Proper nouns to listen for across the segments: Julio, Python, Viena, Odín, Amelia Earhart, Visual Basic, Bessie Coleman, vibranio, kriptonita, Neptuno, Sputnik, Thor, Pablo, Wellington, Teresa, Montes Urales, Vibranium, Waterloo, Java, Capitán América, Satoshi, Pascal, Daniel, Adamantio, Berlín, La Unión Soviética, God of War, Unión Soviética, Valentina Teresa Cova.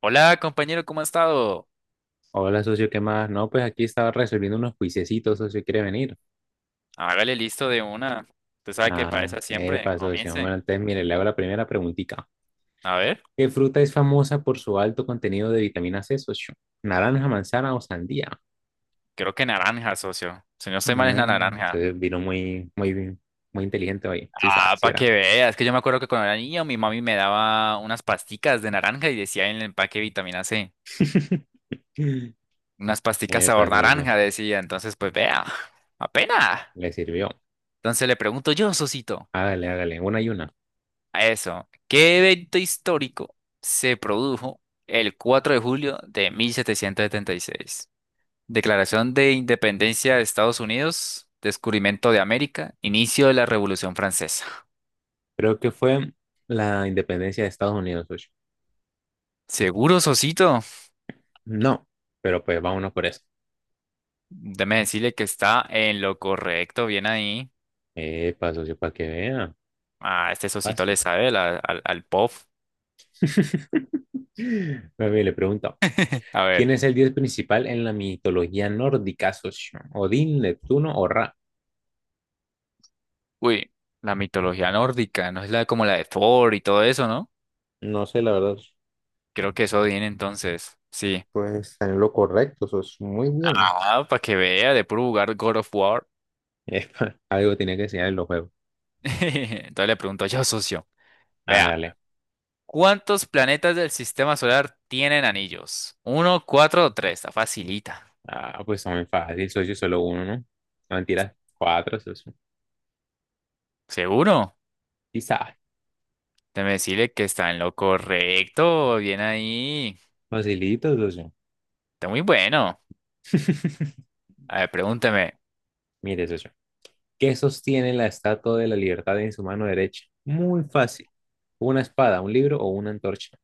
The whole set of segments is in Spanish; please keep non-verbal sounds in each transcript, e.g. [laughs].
Hola, compañero, ¿cómo ha estado? Hola, socio, ¿qué más? No, pues aquí estaba resolviendo unos juiciecitos, socio, ¿quiere venir? Hágale listo de una. Usted sabe que para Ah, esa siempre. epa, socio. Comience. Bueno, entonces, mire, le hago la primera preguntita. A ver, ¿Qué fruta es famosa por su alto contenido de vitamina C, socio? ¿Naranja, manzana o sandía? creo que naranja, socio. Si no estoy mal, es No, la naranja. entonces vino muy inteligente hoy. Sí, Ah, sí para era. que veas, que yo me acuerdo que cuando era niño mi mami me daba unas pasticas de naranja y decía en el empaque vitamina C. [laughs] Unas pasticas Epa, sabor socio, naranja, decía. Entonces, pues vea, apenas. le sirvió. Entonces le pregunto yo, Sosito, Hágale, hágale, una y una. a eso, ¿qué evento histórico se produjo el 4 de julio de 1776? Declaración de Independencia de Estados Unidos, descubrimiento de América, inicio de la Revolución Francesa. Creo que fue la independencia de Estados Unidos, socio. Seguro, Sosito. No, pero pues vámonos por eso. Déjeme decirle que está en lo correcto, bien ahí. Epa, socio, para que vea. Ah, este Sosito Fácil. le sabe al pop. [laughs] Mami, le pregunto, A ¿quién ver, es el dios principal en la mitología nórdica, socio? ¿Odín, Neptuno o Ra? uy, la mitología nórdica, no es la como la de Thor y todo eso, ¿no? No sé, la verdad. Creo que eso viene entonces. Sí. Pues está en lo correcto, eso es muy bien. Ah, para que vea, de puro jugar God of War. Epa, algo tenía que enseñar en los juegos. [laughs] Entonces le pregunto yo, socio. Vea. Hágale. ¿Cuántos planetas del sistema solar tienen anillos? ¿Uno, cuatro o tres? Está facilita. Ah, pues está muy fácil, socio, solo uno, ¿no? No, mentiras, cuatro, socio. ¿Seguro? Quizá. Déjeme decirle que está en lo correcto. Bien ahí. Facilito, socio. Está muy bueno. [laughs] A ver, pregúnteme. Mire, socio. ¿Qué sostiene la estatua de la libertad en su mano derecha? Muy fácil. ¿Una espada, un libro o una antorcha?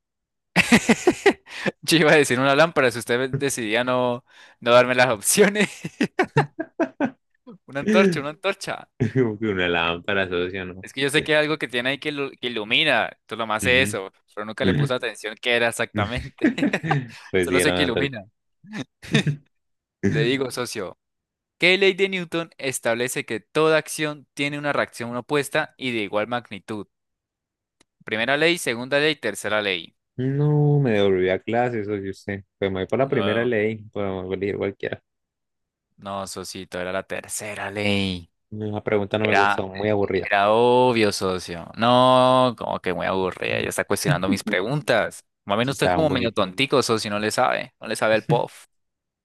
[laughs] Yo iba a decir una lámpara si usted decidía no darme las opciones. [laughs] Una antorcha, [laughs] una antorcha. [laughs] Como que una lámpara, socio, ¿no? Es que yo sé que hay algo que tiene ahí que, que ilumina. Tú lo más es Ujú. eso. Pero nunca le puse [laughs] atención qué era exactamente. [laughs] Pues sí, Solo era sé que una antorcha. ilumina. [laughs] Le digo, socio. ¿Qué ley de Newton establece que toda acción tiene una reacción opuesta y de igual magnitud? Primera ley, segunda ley, tercera ley. No, me devolví a clase, socio, usted. Pues me voy por la primera Ah, ley, pero elegir cualquiera. no, socito, era la tercera ley. La pregunta no me Era, gustó, muy aburrida. era obvio, socio. No, como que muy aburrida. Ya está cuestionando mis [laughs] preguntas. Más bien Sí, usted es estaba un como medio poquito. tontico, socio, no le sabe. No le sabe el POF.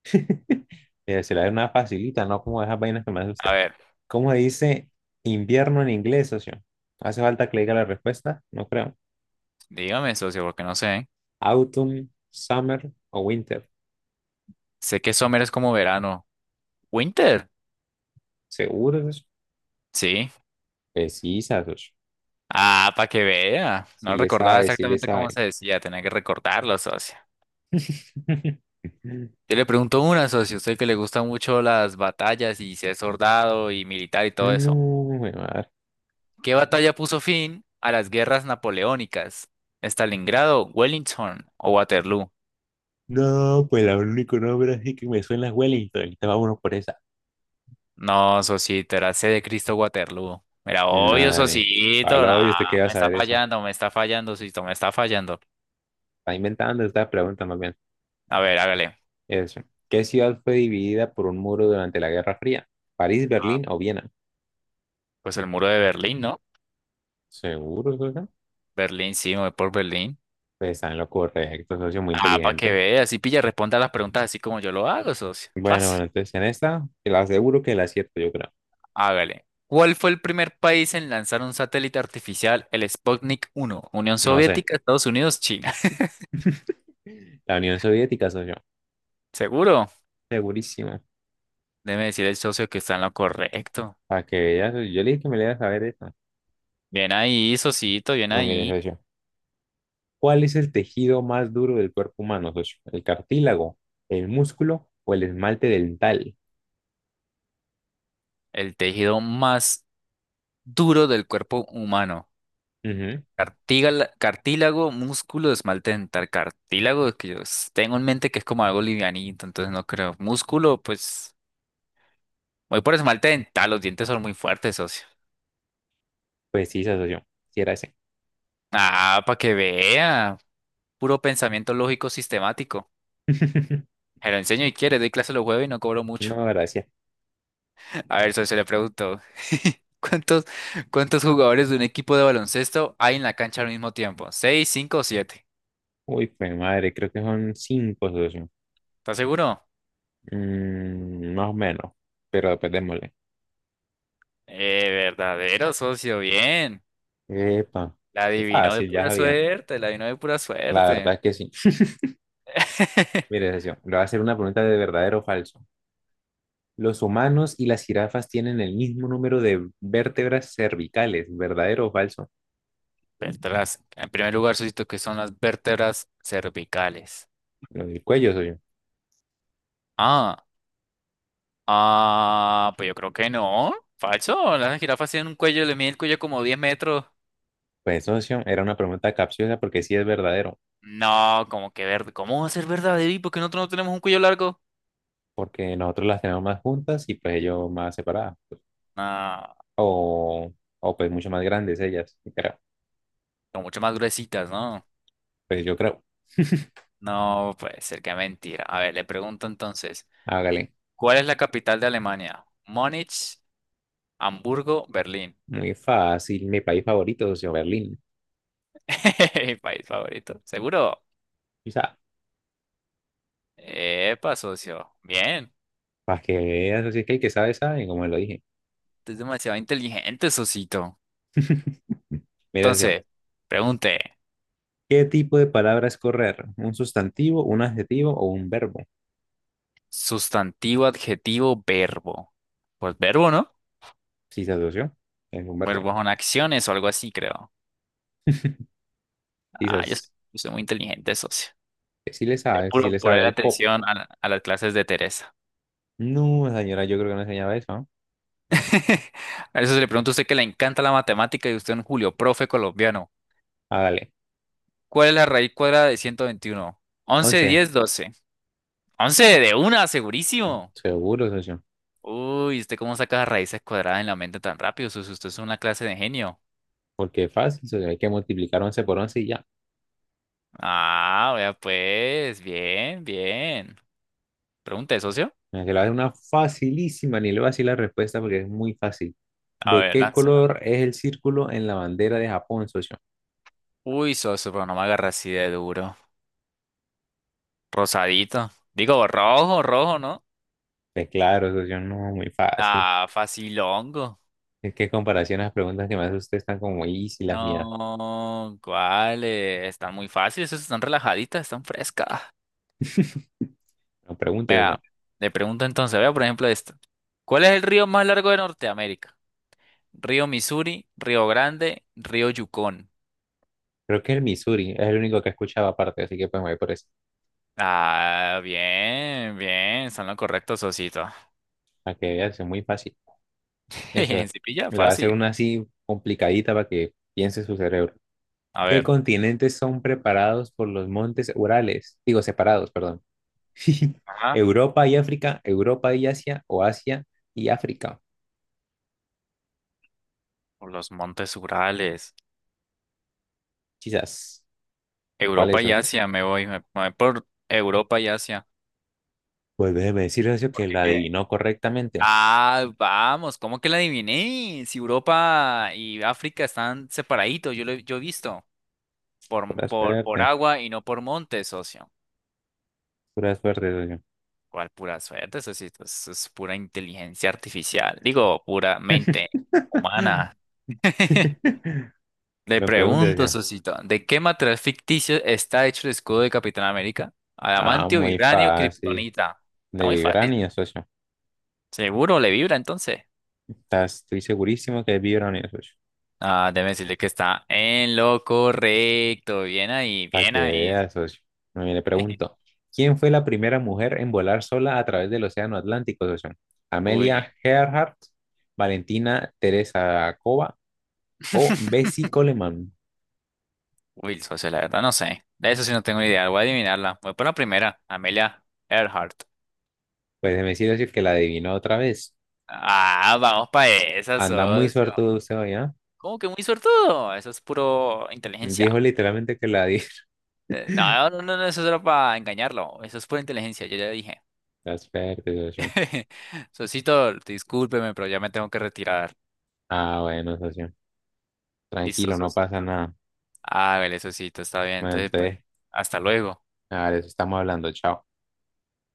[laughs] Pero se la da una facilita, ¿no? Como esas vainas que me hace A usted. ver, ¿Cómo dice invierno en inglés, socio? ¿Hace falta que le diga la respuesta? No creo. dígame, socio, porque no sé. Autumn, summer o winter. Sé que Summer es como verano. ¿Winter? ¿Seguro? Sí. Pues sí, Satoshi. Ah, para que vea. Sí No le recordaba sabe, sí le exactamente cómo sabe. se decía, tenía que recordarlo, socio. [laughs] Yo le pregunto una, socio, usted que le gustan mucho las batallas y si es soldado y militar y todo eso. No, me madre. ¿Qué batalla puso fin a las guerras napoleónicas? ¿Stalingrado, Wellington o Waterloo? No, pues el único nombre así que me suena es Wellington. Ahorita vámonos por esa. No, socito, era C de Cristo Waterloo. Mira, obvio, Nada Daniel. socito, no, Pablo, ¿y usted qué va a saber eso? Me está fallando, socito, me está fallando. Está inventando esta pregunta más bien. A ver, hágale. Eso. ¿Qué ciudad fue dividida por un muro durante la Guerra Fría? ¿París, Ah, Berlín o Viena? pues el muro de Berlín, ¿no? ¿Seguro, socio? Berlín, sí, me voy por Berlín. Pues está en lo correcto, socio, muy Ah, para que inteligente. veas, así pilla, responda las preguntas así como yo lo hago, socio. Bueno, Fácil. bueno, entonces en esta, te la aseguro que la acierto, yo creo. Hágale. ¿Cuál fue el primer país en lanzar un satélite artificial, el Sputnik uno, Unión No sé. Soviética, Estados Unidos, China? [laughs] La Unión Soviética, socio. ¿Seguro? Segurísimo. Debe decir el socio que está en lo correcto. Para que veas, yo le dije que me le ibas a saber eso. Bien ahí, socito, bien Bueno, mire, ahí. socio. ¿Cuál es el tejido más duro del cuerpo humano, socio? ¿El cartílago, el músculo o el esmalte dental? El tejido más duro del cuerpo humano. Ujú. Cartílago, músculo, esmalte dental. Cartílago, que tengo en mente que es como algo livianito, entonces no creo. Músculo, pues voy por esmalte dental, los dientes son muy fuertes, socio. Pues sí, esa socio. Sí, era ese. Ah, para que vea. Puro pensamiento lógico sistemático. [laughs] Se lo enseño y quiere, doy clase los jueves y no cobro mucho. No, gracias. A ver, socio, le pregunto. [laughs] ¿Cuántos, cuántos jugadores de un equipo de baloncesto hay en la cancha al mismo tiempo? ¿Seis, cinco o siete? Uy, pues madre, creo que son cinco, socio. ¿Estás seguro? Mm, más o menos. Pero después démosle. Verdadero, socio, bien. Epa. La adivinó de Fácil, ya pura sabía. suerte, la adivinó de pura La suerte. verdad es que sí. [laughs] Mire, [laughs] socio, le voy a hacer una pregunta de verdadero o falso. Los humanos y las jirafas tienen el mismo número de vértebras cervicales, ¿verdadero o falso? Vértebras. En primer lugar, socio, que son las vértebras cervicales. Lo del cuello soy yo. Ah, Ah, pues yo creo que no. Falso. Las jirafas tienen un cuello, le mide el cuello como 10 metros. Pues socio, era una pregunta capciosa porque sí es verdadero, No, como que verde. ¿Cómo va a ser verdadero? ¿Y por qué nosotros no tenemos un cuello largo? porque nosotros las tenemos más juntas y pues ellos más separadas, No, o, o pues mucho más grandes ellas, pero son mucho más gruesitas, ¿no? pues yo creo, No, puede ser que mentira. A ver, le pregunto entonces, hágale, ¿cuál es la capital de Alemania? Múnich, Hamburgo, Berlín. muy fácil, mi país favorito, socio, Berlín. [laughs] Mi país favorito. ¿Seguro? Quizá, Epa, socio. Bien. para que veas, así que el que sabe, sabe, como lo dije. Tú eres demasiado inteligente, socito. [laughs] Mira, socio, Entonces, pregunte. ¿qué tipo de palabra es correr? ¿Un sustantivo, un adjetivo o un verbo? Sustantivo, adjetivo, verbo. Pues verbo, ¿no? Sí, se asoció. Es un verbo. Verbo son acciones o algo así, creo. [laughs] Ah, yo soy, Quizás yo soy muy inteligente, socio. que sí le Te sabe, que sí puro le sabe poner al pop. atención a, a las clases de Teresa. No, señora, yo creo que no enseñaba eso, ¿no? [laughs] A eso se le pregunta a usted que le encanta la matemática y usted es un Julio, profe colombiano. Hágale. ¿Cuál es la raíz cuadrada de 121? 11, 11. 10, 12, 11 de una, segurísimo. Seguro, socio. Uy, ¿usted cómo saca las raíces cuadradas en la mente tan rápido, socio? Usted es una clase de genio. Porque es fácil, socio. Hay que multiplicar 11 por once y ya. Ah, vea pues, bien, bien. Pregunta de socio. Mira, que la es una facilísima, ni le voy a decir la respuesta porque es muy fácil. A ¿De ver, qué lánzala. color es el círculo en la bandera de Japón, socio? Uy, socio, pero no me agarra así de duro. Rosadito. Digo, rojo, ¿no? Pues claro, socio, no, muy fácil. Ah, facilongo. Es que en comparación a las preguntas que me hace usted están como easy las mías. No, ¿cuáles? Están muy fáciles, esas están relajaditas, están frescas. No pregunte, socio. Le pregunto entonces, vea por ejemplo esto. ¿Cuál es el río más largo de Norteamérica? Río Missouri, Río Grande, Río Yukon. Creo que el Missouri es el único que escuchaba aparte, así que pues me voy por eso. Ah, bien, bien, son lo correcto, socito. Para que veas, es muy fácil. Eso, [laughs] Si pilla, le va a hacer fácil. una así complicadita para que piense su cerebro. A ¿Qué ver, continentes son preparados por los montes Urales? Digo, separados, perdón. [laughs] ajá, Europa y África, Europa y Asia, o Asia y África. por los Montes Urales. Quizás. ¿Cuál Europa es, y socio? Asia, me voy, me voy por Europa y Asia. Pues déjeme decir, socio, que ¿Porque la qué? adivinó correctamente. Ah, vamos, ¿cómo que la adiviné? Si Europa y África están separaditos, yo he visto por, Pura por, por suerte, agua y no por monte, socio. pura suerte, socio. ¿Cuál pura suerte? Eso sí, eso es pura inteligencia artificial. Digo, pura mente [laughs] humana. [laughs] Le Me pregunta, pregunto, socio. socito, ¿de qué material ficticio está hecho el escudo de Capitán América? Ah, ¿Adamantio, muy vibranio, fácil. kriptonita? Está De muy fácil. Vibrania, socio. Seguro le vibra entonces. Estoy segurísimo que es Vibranium, socio. Ah, déjeme decirle que está en lo correcto. Bien ahí, Para bien que ahí. veas, socio. Bueno, y le pregunto, [laughs] ¿quién fue la primera mujer en volar sola a través del Océano Atlántico, socio? Uy. ¿Amelia Earhart, Valentina Teresa Cova o Bessie [laughs] Coleman? Uy, el socio, la verdad no sé. De eso sí no tengo ni idea. Voy a adivinarla. Voy por la primera, Amelia Earhart. Pues me decir socio, que la adivinó otra vez. Ah, vamos para esa, Anda muy socio. suertudo usted hoy, ¿ah? ¿Cómo que muy suertudo? Eso es puro inteligencia. Dijo literalmente que la adivinó. No, eso era para engañarlo. Eso es pura inteligencia, yo ya dije. [laughs] Está suerte, socio. [laughs] Socito, discúlpeme, pero ya me tengo que retirar. Ah, bueno, socio. Listo, Tranquilo, no socio. pasa nada. Ah, vale, Sosito, está bien. Bueno, Entonces, pues, entonces, hasta luego. a ver, eso estamos hablando. Chao.